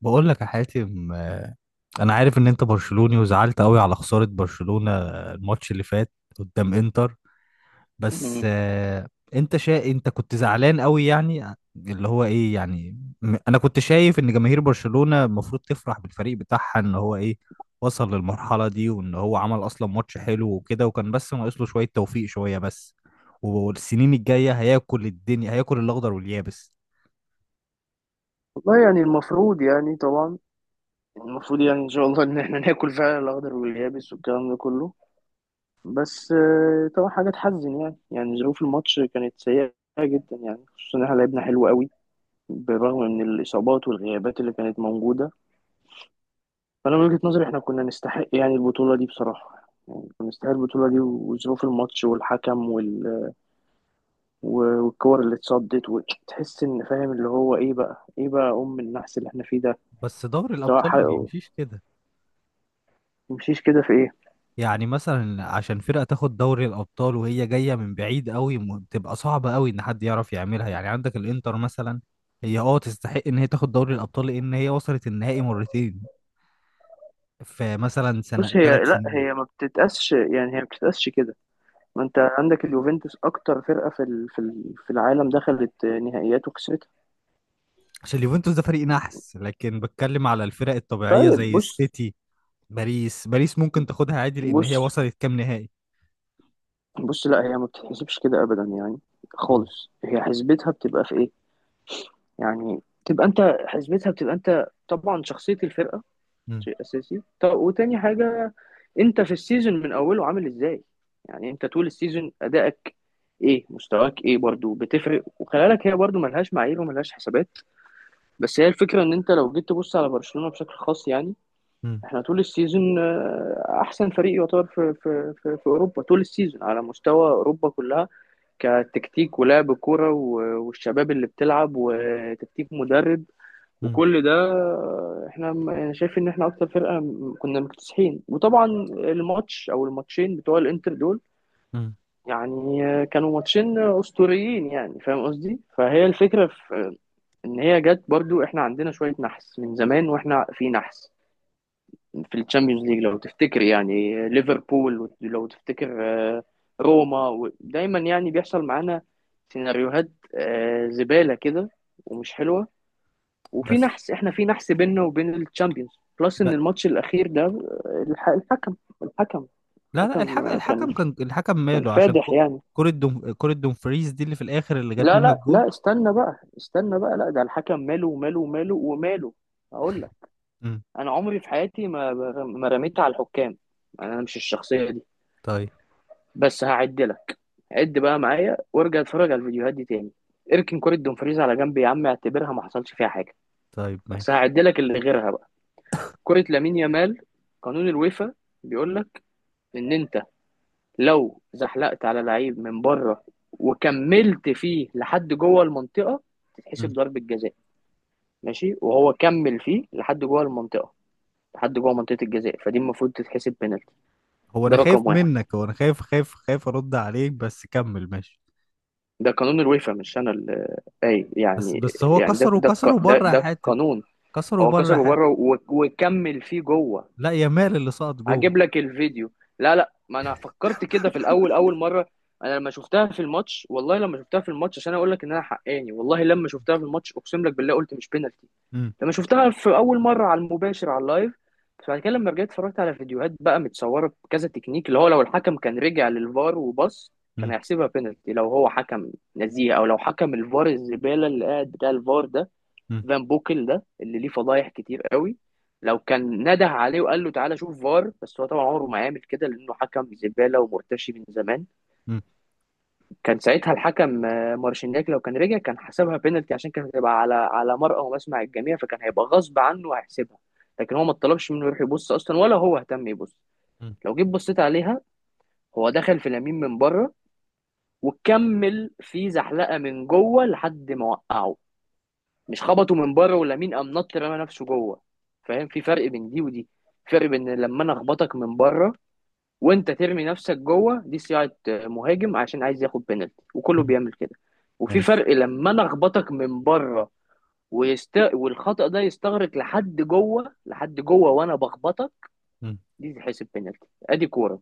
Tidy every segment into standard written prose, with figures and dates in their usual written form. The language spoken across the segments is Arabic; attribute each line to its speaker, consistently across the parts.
Speaker 1: بقول لك يا حاتم، انا عارف ان انت برشلوني وزعلت قوي على خسارة برشلونة الماتش اللي فات قدام انتر. بس
Speaker 2: مم.
Speaker 1: آه، انت كنت زعلان قوي، يعني اللي هو ايه. يعني انا كنت شايف ان جماهير برشلونة المفروض تفرح بالفريق بتاعها، ان هو ايه، وصل للمرحلة دي، وان هو عمل اصلا ماتش حلو وكده، وكان بس ناقص له شوية توفيق، شوية بس، والسنين الجاية هياكل الدنيا، هياكل الاخضر واليابس.
Speaker 2: والله يعني المفروض، يعني طبعا المفروض، يعني ان شاء الله ان احنا ناكل فعلا الاخضر واليابس والكلام ده كله. بس طبعا حاجه تحزن، يعني يعني ظروف الماتش كانت سيئه جدا، يعني خصوصا ان احنا لعبنا حلو قوي بالرغم من الاصابات والغيابات اللي كانت موجوده. فانا من وجهه نظري احنا كنا نستحق يعني البطوله دي بصراحه، يعني كنا نستحق البطوله دي. وظروف الماتش والحكم والكور اللي اتصدت، وتحس ان فاهم اللي هو ايه بقى، ايه بقى ام النحس اللي احنا فيه ده.
Speaker 1: بس دوري
Speaker 2: سواء
Speaker 1: الابطال
Speaker 2: حق...
Speaker 1: ما بيمشيش كده.
Speaker 2: تمشيش كده في ايه؟
Speaker 1: يعني مثلا عشان فرقة تاخد دوري الأبطال وهي جاية من بعيد قوي، بتبقى صعبة قوي إن حد يعرف يعملها. يعني عندك الإنتر مثلا، هي اه تستحق إن هي تاخد دوري الأبطال لأن هي وصلت النهائي مرتين في مثلا سنة،
Speaker 2: بص،
Speaker 1: ثلاث
Speaker 2: هي لا،
Speaker 1: سنين.
Speaker 2: هي ما بتتقاسش كده. ما انت عندك اليوفنتوس اكتر فرقه في العالم دخلت نهائيات وكسبتها.
Speaker 1: عشان اليوفنتوس ده فريق نحس، لكن بتكلم على الفرق الطبيعية
Speaker 2: طيب
Speaker 1: زي
Speaker 2: بص،
Speaker 1: السيتي. باريس، باريس ممكن تاخدها عادي لأن
Speaker 2: بص
Speaker 1: هي وصلت كام نهائي.
Speaker 2: بص لا هي ما بتتحسبش كده ابدا يعني
Speaker 1: مم.
Speaker 2: خالص. هي حسبتها بتبقى في ايه؟ يعني تبقى انت حسبتها بتبقى، انت طبعا شخصيه الفرقه شيء اساسي. طب وتاني حاجه، انت في السيزون من اوله عامل ازاي؟ يعني انت طول السيزون ادائك ايه، مستواك ايه، برضو بتفرق. وخلي بالك هي برضو ملهاش معايير وملهاش حسابات. بس هي الفكره، ان انت لو جيت تبص على برشلونه بشكل خاص، يعني
Speaker 1: مم.
Speaker 2: احنا طول السيزون احسن فريق يعتبر في اوروبا، طول السيزون على مستوى اوروبا كلها، كتكتيك ولعب كوره والشباب اللي بتلعب، وتكتيك مدرب.
Speaker 1: مم.
Speaker 2: وكل ده احنا، انا شايف ان احنا اكتر فرقه كنا مكتسحين. وطبعا الماتش او الماتشين بتوع الانتر دول،
Speaker 1: مم.
Speaker 2: يعني كانوا ماتشين اسطوريين، يعني فاهم قصدي. فهي الفكره، في ان هي جت. برضو احنا عندنا شويه نحس من زمان، واحنا في نحس في الشامبيونز ليج، لو تفتكر. يعني ليفربول لو تفتكر، آه، روما دايما يعني بيحصل معانا سيناريوهات زباله كده ومش حلوه. وفي
Speaker 1: بس
Speaker 2: نحس، احنا في نحس بيننا وبين الشامبيونز. بلس ان
Speaker 1: ب-
Speaker 2: الماتش الاخير ده الحكم. الحكم
Speaker 1: لا لا،
Speaker 2: الحكم
Speaker 1: الحكم
Speaker 2: كان
Speaker 1: الحكم كان الحكم
Speaker 2: كان
Speaker 1: ماله عشان
Speaker 2: فادح يعني.
Speaker 1: كرة دومفريز دي اللي في الآخر اللي جت
Speaker 2: لا
Speaker 1: منها
Speaker 2: لا
Speaker 1: الجول.
Speaker 2: لا استنى بقى، استنى بقى، لا ده الحكم ماله وماله وماله وماله. هقول لك،
Speaker 1: امم.
Speaker 2: انا عمري في حياتي ما ما رميت على الحكام، يعني انا مش الشخصيه دي.
Speaker 1: طيب.
Speaker 2: بس هعد لك، عد بقى معايا وارجع اتفرج على الفيديوهات دي تاني. اركن كرة دومفريز على جنب يا عم، اعتبرها ما حصلش فيها حاجه.
Speaker 1: طيب
Speaker 2: بس
Speaker 1: ماشي.
Speaker 2: هعد لك اللي غيرها بقى. كرة لامين يامال، قانون الويفا بيقول لك ان انت لو زحلقت على لعيب من بره وكملت فيه لحد جوه المنطقه، تتحسب
Speaker 1: امم.
Speaker 2: ضربه جزاء. ماشي؟ وهو كمل فيه لحد جوه المنطقه، لحد جوه منطقه الجزاء. فدي المفروض تتحسب بنالتي.
Speaker 1: هو أنا
Speaker 2: ده
Speaker 1: خايف
Speaker 2: رقم واحد،
Speaker 1: منك، هو أنا خايف أرد عليك، بس كمل ماشي.
Speaker 2: ده قانون الويفا، مش انا اللي، اي
Speaker 1: بس
Speaker 2: يعني،
Speaker 1: بس هو
Speaker 2: يعني ده
Speaker 1: كسر،
Speaker 2: ده
Speaker 1: وكسر
Speaker 2: الق- ده
Speaker 1: وبره يا
Speaker 2: ده
Speaker 1: حاتم.
Speaker 2: القانون.
Speaker 1: كسر
Speaker 2: هو
Speaker 1: وبره يا
Speaker 2: كسره
Speaker 1: حاتم.
Speaker 2: بره وكمل فيه جوه.
Speaker 1: لا يا مال اللي سقط جوه.
Speaker 2: هجيب لك الفيديو. لا لا، ما انا فكرت كده في الاول، اول مره انا لما شفتها في الماتش، والله لما شفتها في الماتش، عشان اقول لك ان انا حقاني، والله لما شفتها في الماتش اقسم لك بالله قلت مش بينالتي.
Speaker 1: امم.
Speaker 2: لما شفتها في اول مره على المباشر، على اللايف. فبعد كده لما رجعت اتفرجت على فيديوهات بقى متصوره بكذا تكنيك، اللي هو لو الحكم كان رجع للفار وبص كان
Speaker 1: امم.
Speaker 2: هيحسبها بينالتي، لو هو حكم نزيه، او لو حكم الفار الزباله اللي قاعد، بتاع الفار ده،
Speaker 1: امم.
Speaker 2: فان بوكل، ده اللي ليه فضايح كتير قوي، لو كان نده عليه وقال له تعالى شوف فار. بس هو طبعا عمره ما هيعمل كده، لانه حكم زباله ومرتشي من زمان.
Speaker 1: امم.
Speaker 2: كان ساعتها الحكم مارشينياك لو كان رجع كان حسبها بينالتي، عشان كانت هتبقى على على مرأى ومسمع الجميع، فكان هيبقى غصب عنه وهيحسبها. لكن هو ما طلبش منه يروح يبص اصلا، ولا هو اهتم يبص.
Speaker 1: امم.
Speaker 2: لو جيت بصيت عليها، هو دخل في لامين من بره وكمل في زحلقه من جوه لحد ما وقعه. مش خبطه من بره ولامين قام نط رمى نفسه جوه. فاهم؟ في فرق بين دي ودي. فرق بين لما انا اخبطك من بره وانت ترمي نفسك جوه، دي صياعه مهاجم عشان عايز ياخد بينالتي وكله
Speaker 1: امم.
Speaker 2: بيعمل كده. وفي
Speaker 1: ماشي.
Speaker 2: فرق لما انا اخبطك من بره والخطأ ده يستغرق لحد جوه، لحد جوه وانا بخبطك،
Speaker 1: امم.
Speaker 2: دي تحسب بينالتي. ادي كوره.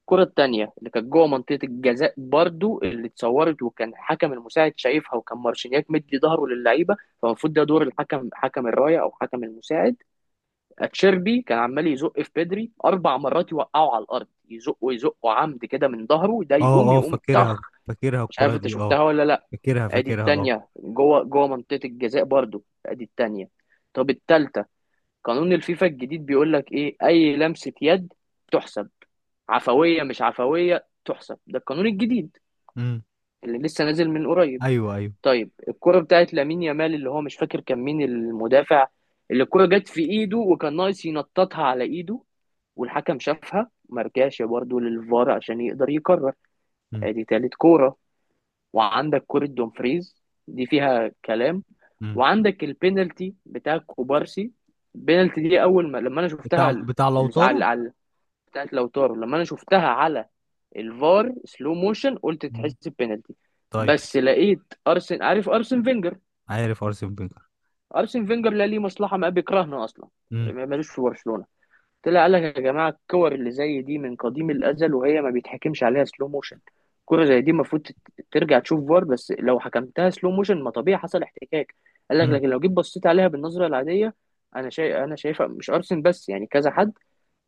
Speaker 2: الكوره التانية اللي كانت جوه منطقه الجزاء برضو، اللي اتصورت وكان حكم المساعد شايفها، وكان مارشينياك مدي ظهره للعيبه، فالمفروض ده دور الحكم، حكم الرايه او حكم المساعد. اتشيربي كان عمال يزق في بدري 4 مرات، يوقعه على الارض، يزقه يزقه عمد كده من ظهره، ده يقوم
Speaker 1: اه اه،
Speaker 2: يقوم
Speaker 1: فاكرها،
Speaker 2: طخ.
Speaker 1: فاكرها
Speaker 2: مش
Speaker 1: الكرة
Speaker 2: عارف انت
Speaker 1: دي اه.
Speaker 2: شفتها ولا لا.
Speaker 1: فاكرها
Speaker 2: ادي
Speaker 1: فاكرها اه.
Speaker 2: التانية، جوه جوه منطقة الجزاء برضو، ادي التانية. طب التالتة، قانون الفيفا الجديد بيقول لك ايه؟ اي لمسة يد تحسب، عفوية مش عفوية تحسب، ده القانون الجديد
Speaker 1: امم.
Speaker 2: اللي لسه نازل من قريب.
Speaker 1: ايوه ايوه.
Speaker 2: طيب الكرة بتاعت لامين يامال، اللي هو مش فاكر كان مين المدافع اللي الكرة جت في ايده، وكان ناقص ينططها على ايده، والحكم شافها ما رجعش برضه للفار عشان يقدر يقرر.
Speaker 1: امم.
Speaker 2: ادي تالت كوره. وعندك كوره دومفريز، دي فيها كلام.
Speaker 1: امم.
Speaker 2: وعندك البينالتي بتاع كوبارسي. البينالتي دي اول ما لما انا
Speaker 1: بتاع
Speaker 2: شفتها
Speaker 1: بتاع لوتارو.
Speaker 2: على على بتاعت لوتارو، لما انا شفتها على الفار سلو موشن، قلت تحس بينالتي.
Speaker 1: طيب.
Speaker 2: بس لقيت ارسن، عارف ارسن فينجر؟
Speaker 1: عارف ارسن فينجر.
Speaker 2: ارسن فينجر لا ليه مصلحه، ما بيكرهنا اصلا،
Speaker 1: امم.
Speaker 2: ملوش في برشلونه. طلع قال لك يا جماعه الكور اللي زي دي من قديم الازل وهي ما بيتحكمش عليها سلو موشن. كرة زي دي المفروض ترجع تشوف فار. بس لو حكمتها سلو موشن ما، طبيعي حصل احتكاك. قال لك
Speaker 1: امم.
Speaker 2: لكن لو جيت بصيت عليها بالنظره العاديه، انا شايف، انا شايفها مش ارسن بس يعني كذا حد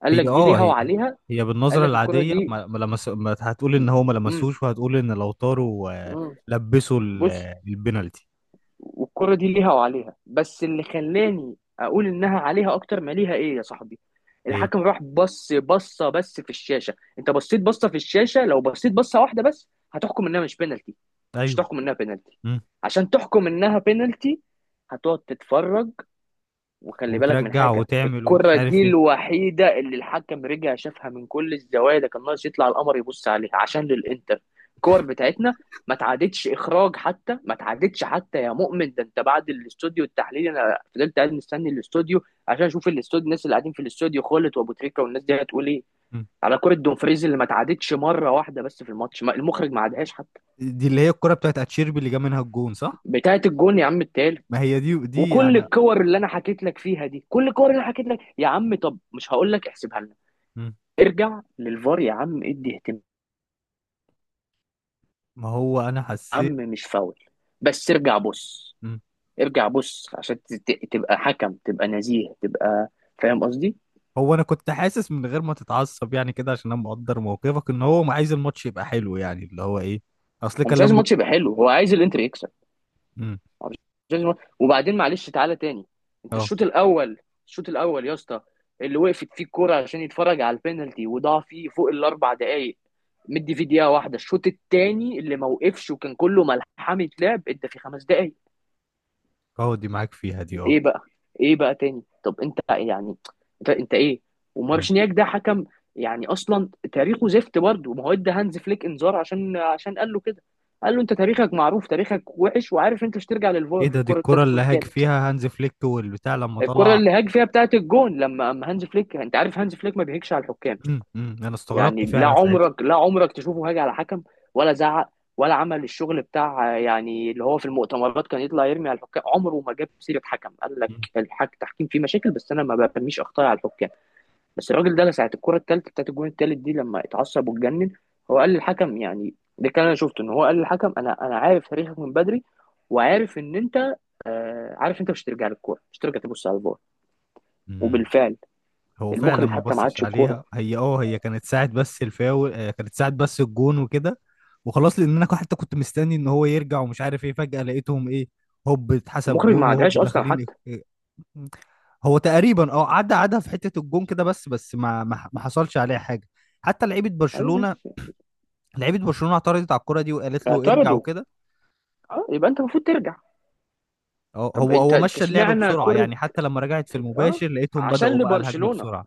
Speaker 2: قال لك
Speaker 1: هي
Speaker 2: دي
Speaker 1: اه،
Speaker 2: ليها
Speaker 1: هي
Speaker 2: وعليها.
Speaker 1: هي
Speaker 2: قال
Speaker 1: بالنظره
Speaker 2: لك الكرة
Speaker 1: العاديه
Speaker 2: دي
Speaker 1: ما لمس. ما هتقول
Speaker 2: م-
Speaker 1: ان هو ما
Speaker 2: م-
Speaker 1: لمسوش، وهتقول ان لو طاروا
Speaker 2: م-
Speaker 1: لبسوا
Speaker 2: بص.
Speaker 1: البنالتي.
Speaker 2: والكرة دي ليها وعليها. بس اللي خلاني اقول انها عليها اكتر ما ليها ايه يا صاحبي؟
Speaker 1: ايه.
Speaker 2: الحكم راح بص بصه بس في الشاشه. انت بصيت بصه في الشاشه، لو بصيت بصه واحده بس هتحكم انها مش بينالتي، مش
Speaker 1: ايوه.
Speaker 2: تحكم انها بينالتي.
Speaker 1: امم.
Speaker 2: عشان تحكم انها بينالتي هتقعد تتفرج. وخلي بالك من
Speaker 1: وترجع
Speaker 2: حاجة،
Speaker 1: وتعمل ومش
Speaker 2: الكرة دي
Speaker 1: عارف ايه.
Speaker 2: الوحيدة اللي الحكم رجع شافها من كل الزوايا، ده كان ناقص يطلع القمر يبص عليها، عشان للإنتر. الكور بتاعتنا ما تعادتش إخراج حتى، ما تعادتش حتى يا مؤمن. ده أنت بعد الاستوديو التحليلي أنا فضلت قاعد مستني الاستوديو عشان أشوف الاستوديو، الناس اللي قاعدين في الاستوديو، خالد وأبو تريكة والناس دي، هتقول إيه
Speaker 1: مم.
Speaker 2: على كرة دومفريز؟ اللي ما تعادتش مرة واحدة بس في الماتش، المخرج ما عادهاش حتى.
Speaker 1: دي اللي هي الكره بتاعت اتشيربي اللي جاب منها الجون، صح؟
Speaker 2: بتاعت الجون يا عم،
Speaker 1: ما
Speaker 2: التالت.
Speaker 1: هي دي
Speaker 2: وكل
Speaker 1: يعني.
Speaker 2: الكور اللي انا حكيت لك فيها دي، كل الكور اللي انا حكيت لك يا عم، طب مش هقول لك احسبها لنا،
Speaker 1: مم.
Speaker 2: ارجع للفار يا عم، ادي اهتمام.
Speaker 1: ما هو انا
Speaker 2: يا عم
Speaker 1: حسيت.
Speaker 2: مش فاول، بس ارجع بص،
Speaker 1: مم.
Speaker 2: ارجع بص عشان تبقى حكم، تبقى نزيه، تبقى فاهم قصدي.
Speaker 1: هو انا كنت حاسس من غير ما تتعصب يعني كده، عشان انا مقدر موقفك ان هو عايز الماتش يبقى حلو، يعني اللي هو ايه. اصل
Speaker 2: هو
Speaker 1: كان
Speaker 2: مش عايز
Speaker 1: لما.
Speaker 2: الماتش يبقى حلو، هو عايز الانتر يكسب.
Speaker 1: مم.
Speaker 2: جيمس مارتن. وبعدين معلش تعالى تاني، انت
Speaker 1: اه
Speaker 2: الشوط الاول، الشوط الاول يا اسطى اللي وقفت فيه الكوره عشان يتفرج على البينالتي وضاع فيه فوق الـ4 دقائق، مدي فيه دقيقه واحده. الشوط التاني اللي ما وقفش وكان كله ملحمه لعب، انت في 5 دقائق
Speaker 1: اه، دي معاك فيها دي اه.
Speaker 2: ايه بقى، ايه بقى تاني؟ طب انت يعني، انت ايه؟
Speaker 1: مم.
Speaker 2: ومارشنياك ده حكم، يعني اصلا تاريخه زفت برضه. ما هو ادى هانز فليك انذار عشان، عشان قال له كده، قال له انت تاريخك معروف، تاريخك وحش، وعارف انت مش ترجع
Speaker 1: ايه
Speaker 2: للفار في
Speaker 1: ده، دي
Speaker 2: الكوره
Speaker 1: الكرة
Speaker 2: بتاعت الجون
Speaker 1: اللي هاج
Speaker 2: التالت.
Speaker 1: فيها هانز فليك والبتاع لما
Speaker 2: الكرة
Speaker 1: طلع.
Speaker 2: اللي هاج فيها بتاعت الجون، لما اما هانز فليك، انت عارف هانز فليك ما بيهجش على الحكام،
Speaker 1: مم. مم. انا استغربت
Speaker 2: يعني لا
Speaker 1: فعلا ساعتها.
Speaker 2: عمرك، لا عمرك تشوفه هاج على حكم ولا زعق ولا عمل الشغل بتاع، يعني اللي هو في المؤتمرات كان يطلع يرمي على الحكام. عمره ما جاب سيرة حكم، قال لك
Speaker 1: مم.
Speaker 2: الحك التحكيم فيه مشاكل بس انا ما برميش اخطاء على الحكام. بس الراجل ده ساعة الكرة الثالثة بتاعت الجون الثالث دي لما اتعصب واتجنن، هو قال للحكم، يعني ده كان، انا شفته ان هو قال للحكم، انا انا عارف تاريخك من بدري، وعارف ان انت عارف انت مش هترجع للكوره، مش هترجع تبص على الفار.
Speaker 1: مم.
Speaker 2: وبالفعل،
Speaker 1: هو فعلا
Speaker 2: المخرج
Speaker 1: ما
Speaker 2: حتى ما
Speaker 1: بصش
Speaker 2: عادش الكوره،
Speaker 1: عليها، هي اه، هي كانت ساعة بس الفاول كانت ساعة بس الجون وكده وخلاص، لان انا حتى كنت مستني ان هو يرجع ومش عارف ايه، فجأة لقيتهم ايه، هوب اتحسب
Speaker 2: المخرج
Speaker 1: جون
Speaker 2: ما
Speaker 1: وهوب
Speaker 2: عادهاش اصلا
Speaker 1: داخلين إيه.
Speaker 2: حتى.
Speaker 1: إيه. هو تقريبا اه عدى، عدى في حتة الجون كده، بس بس ما ما ما حصلش عليها حاجة حتى. لعيبة برشلونة،
Speaker 2: معلش،
Speaker 1: لعيبه برشلونه اعترضت على الكره دي وقالت له ارجع
Speaker 2: اعترضوا.
Speaker 1: وكده.
Speaker 2: اه يبقى انت المفروض ترجع.
Speaker 1: هو
Speaker 2: طب
Speaker 1: هو
Speaker 2: انت،
Speaker 1: هو
Speaker 2: انت
Speaker 1: مشى اللعب
Speaker 2: اشمعنى
Speaker 1: بسرعه
Speaker 2: كره؟
Speaker 1: يعني، حتى لما رجعت في
Speaker 2: اه،
Speaker 1: المباشر لقيتهم
Speaker 2: عشان
Speaker 1: بداوا بقى الهجمه
Speaker 2: لبرشلونه،
Speaker 1: بسرعه.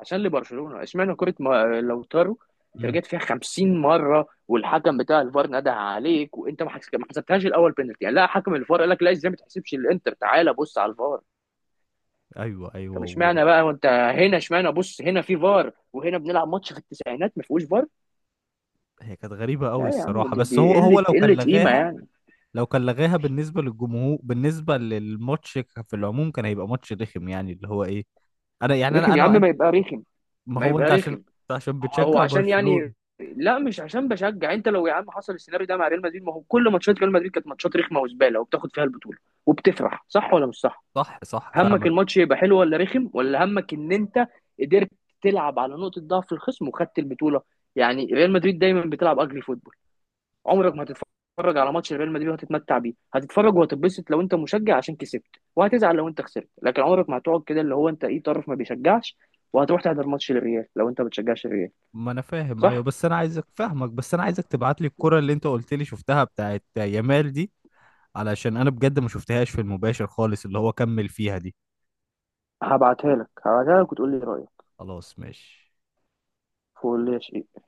Speaker 2: عشان لبرشلونه اشمعنى كره ما... لو طاروا، انت
Speaker 1: امم.
Speaker 2: رجعت فيها 50 مره والحكم بتاع الفار نده عليك، وانت ما حس- ما حسبتهاش الاول بينالتي، يعني لا، حكم الفار قال لك لا، ازاي ما تحسبش؟ الانتر تعالى بص على الفار.
Speaker 1: ايوه ايوه.
Speaker 2: طب
Speaker 1: هو
Speaker 2: اشمعنى بقى؟ وانت هنا اشمعنى بص، هنا في فار وهنا بنلعب ماتش في التسعينات ما فيهوش فار؟
Speaker 1: هي كانت غريبه قوي
Speaker 2: لا يا عم،
Speaker 1: الصراحه،
Speaker 2: دي
Speaker 1: بس هو
Speaker 2: دي
Speaker 1: هو
Speaker 2: قله
Speaker 1: لو كان
Speaker 2: قله قيمه
Speaker 1: لغاها،
Speaker 2: يعني.
Speaker 1: لو كان لغاها بالنسبه للجمهور، بالنسبه للماتش، في العموم كان هيبقى ماتش رخم، يعني اللي هو ايه. انا يعني انا
Speaker 2: رخم يا عم،
Speaker 1: انا
Speaker 2: ما يبقى رخم،
Speaker 1: ما
Speaker 2: ما
Speaker 1: هو
Speaker 2: يبقى
Speaker 1: انت، عشان
Speaker 2: رخم.
Speaker 1: أنت عشان
Speaker 2: هو هو
Speaker 1: بتشجع
Speaker 2: عشان
Speaker 1: برشلونه.
Speaker 2: يعني، لا مش عشان بشجع. انت لو يا عم حصل السيناريو ده مع ريال مدريد، ما هو كل ماتشات ريال مدريد كانت ماتشات رخمه وزباله وبتاخد فيها البطوله وبتفرح، صح ولا مش صح؟
Speaker 1: صح صح،
Speaker 2: همك
Speaker 1: فاهمك.
Speaker 2: الماتش يبقى حلو ولا رخم، ولا همك ان انت قدرت تلعب على نقطه ضعف الخصم وخدت البطوله؟ يعني ريال مدريد دايما بتلعب اجري فوتبول، عمرك ما هتتفرج على ماتش ريال مدريد وهتتمتع بيه. هتتفرج وهتتبسط لو انت مشجع، عشان كسبت، وهتزعل لو انت خسرت. لكن عمرك ما هتقعد كده اللي هو انت ايه، طرف ما بيشجعش، وهتروح تحضر ماتش الريال لو انت ما بتشجعش الريال.
Speaker 1: ما انا فاهم، ايوه،
Speaker 2: صح.
Speaker 1: بس انا عايزك تبعت لي الكره اللي انت قلت لي شفتها بتاعت يامال دي، علشان انا بجد ما شفتهاش في المباشر خالص، اللي هو كمل فيها دي.
Speaker 2: هبعتها لك، هبعتها لك وتقول لي رايك،
Speaker 1: خلاص ماشي.
Speaker 2: وقول لي يا شيخ.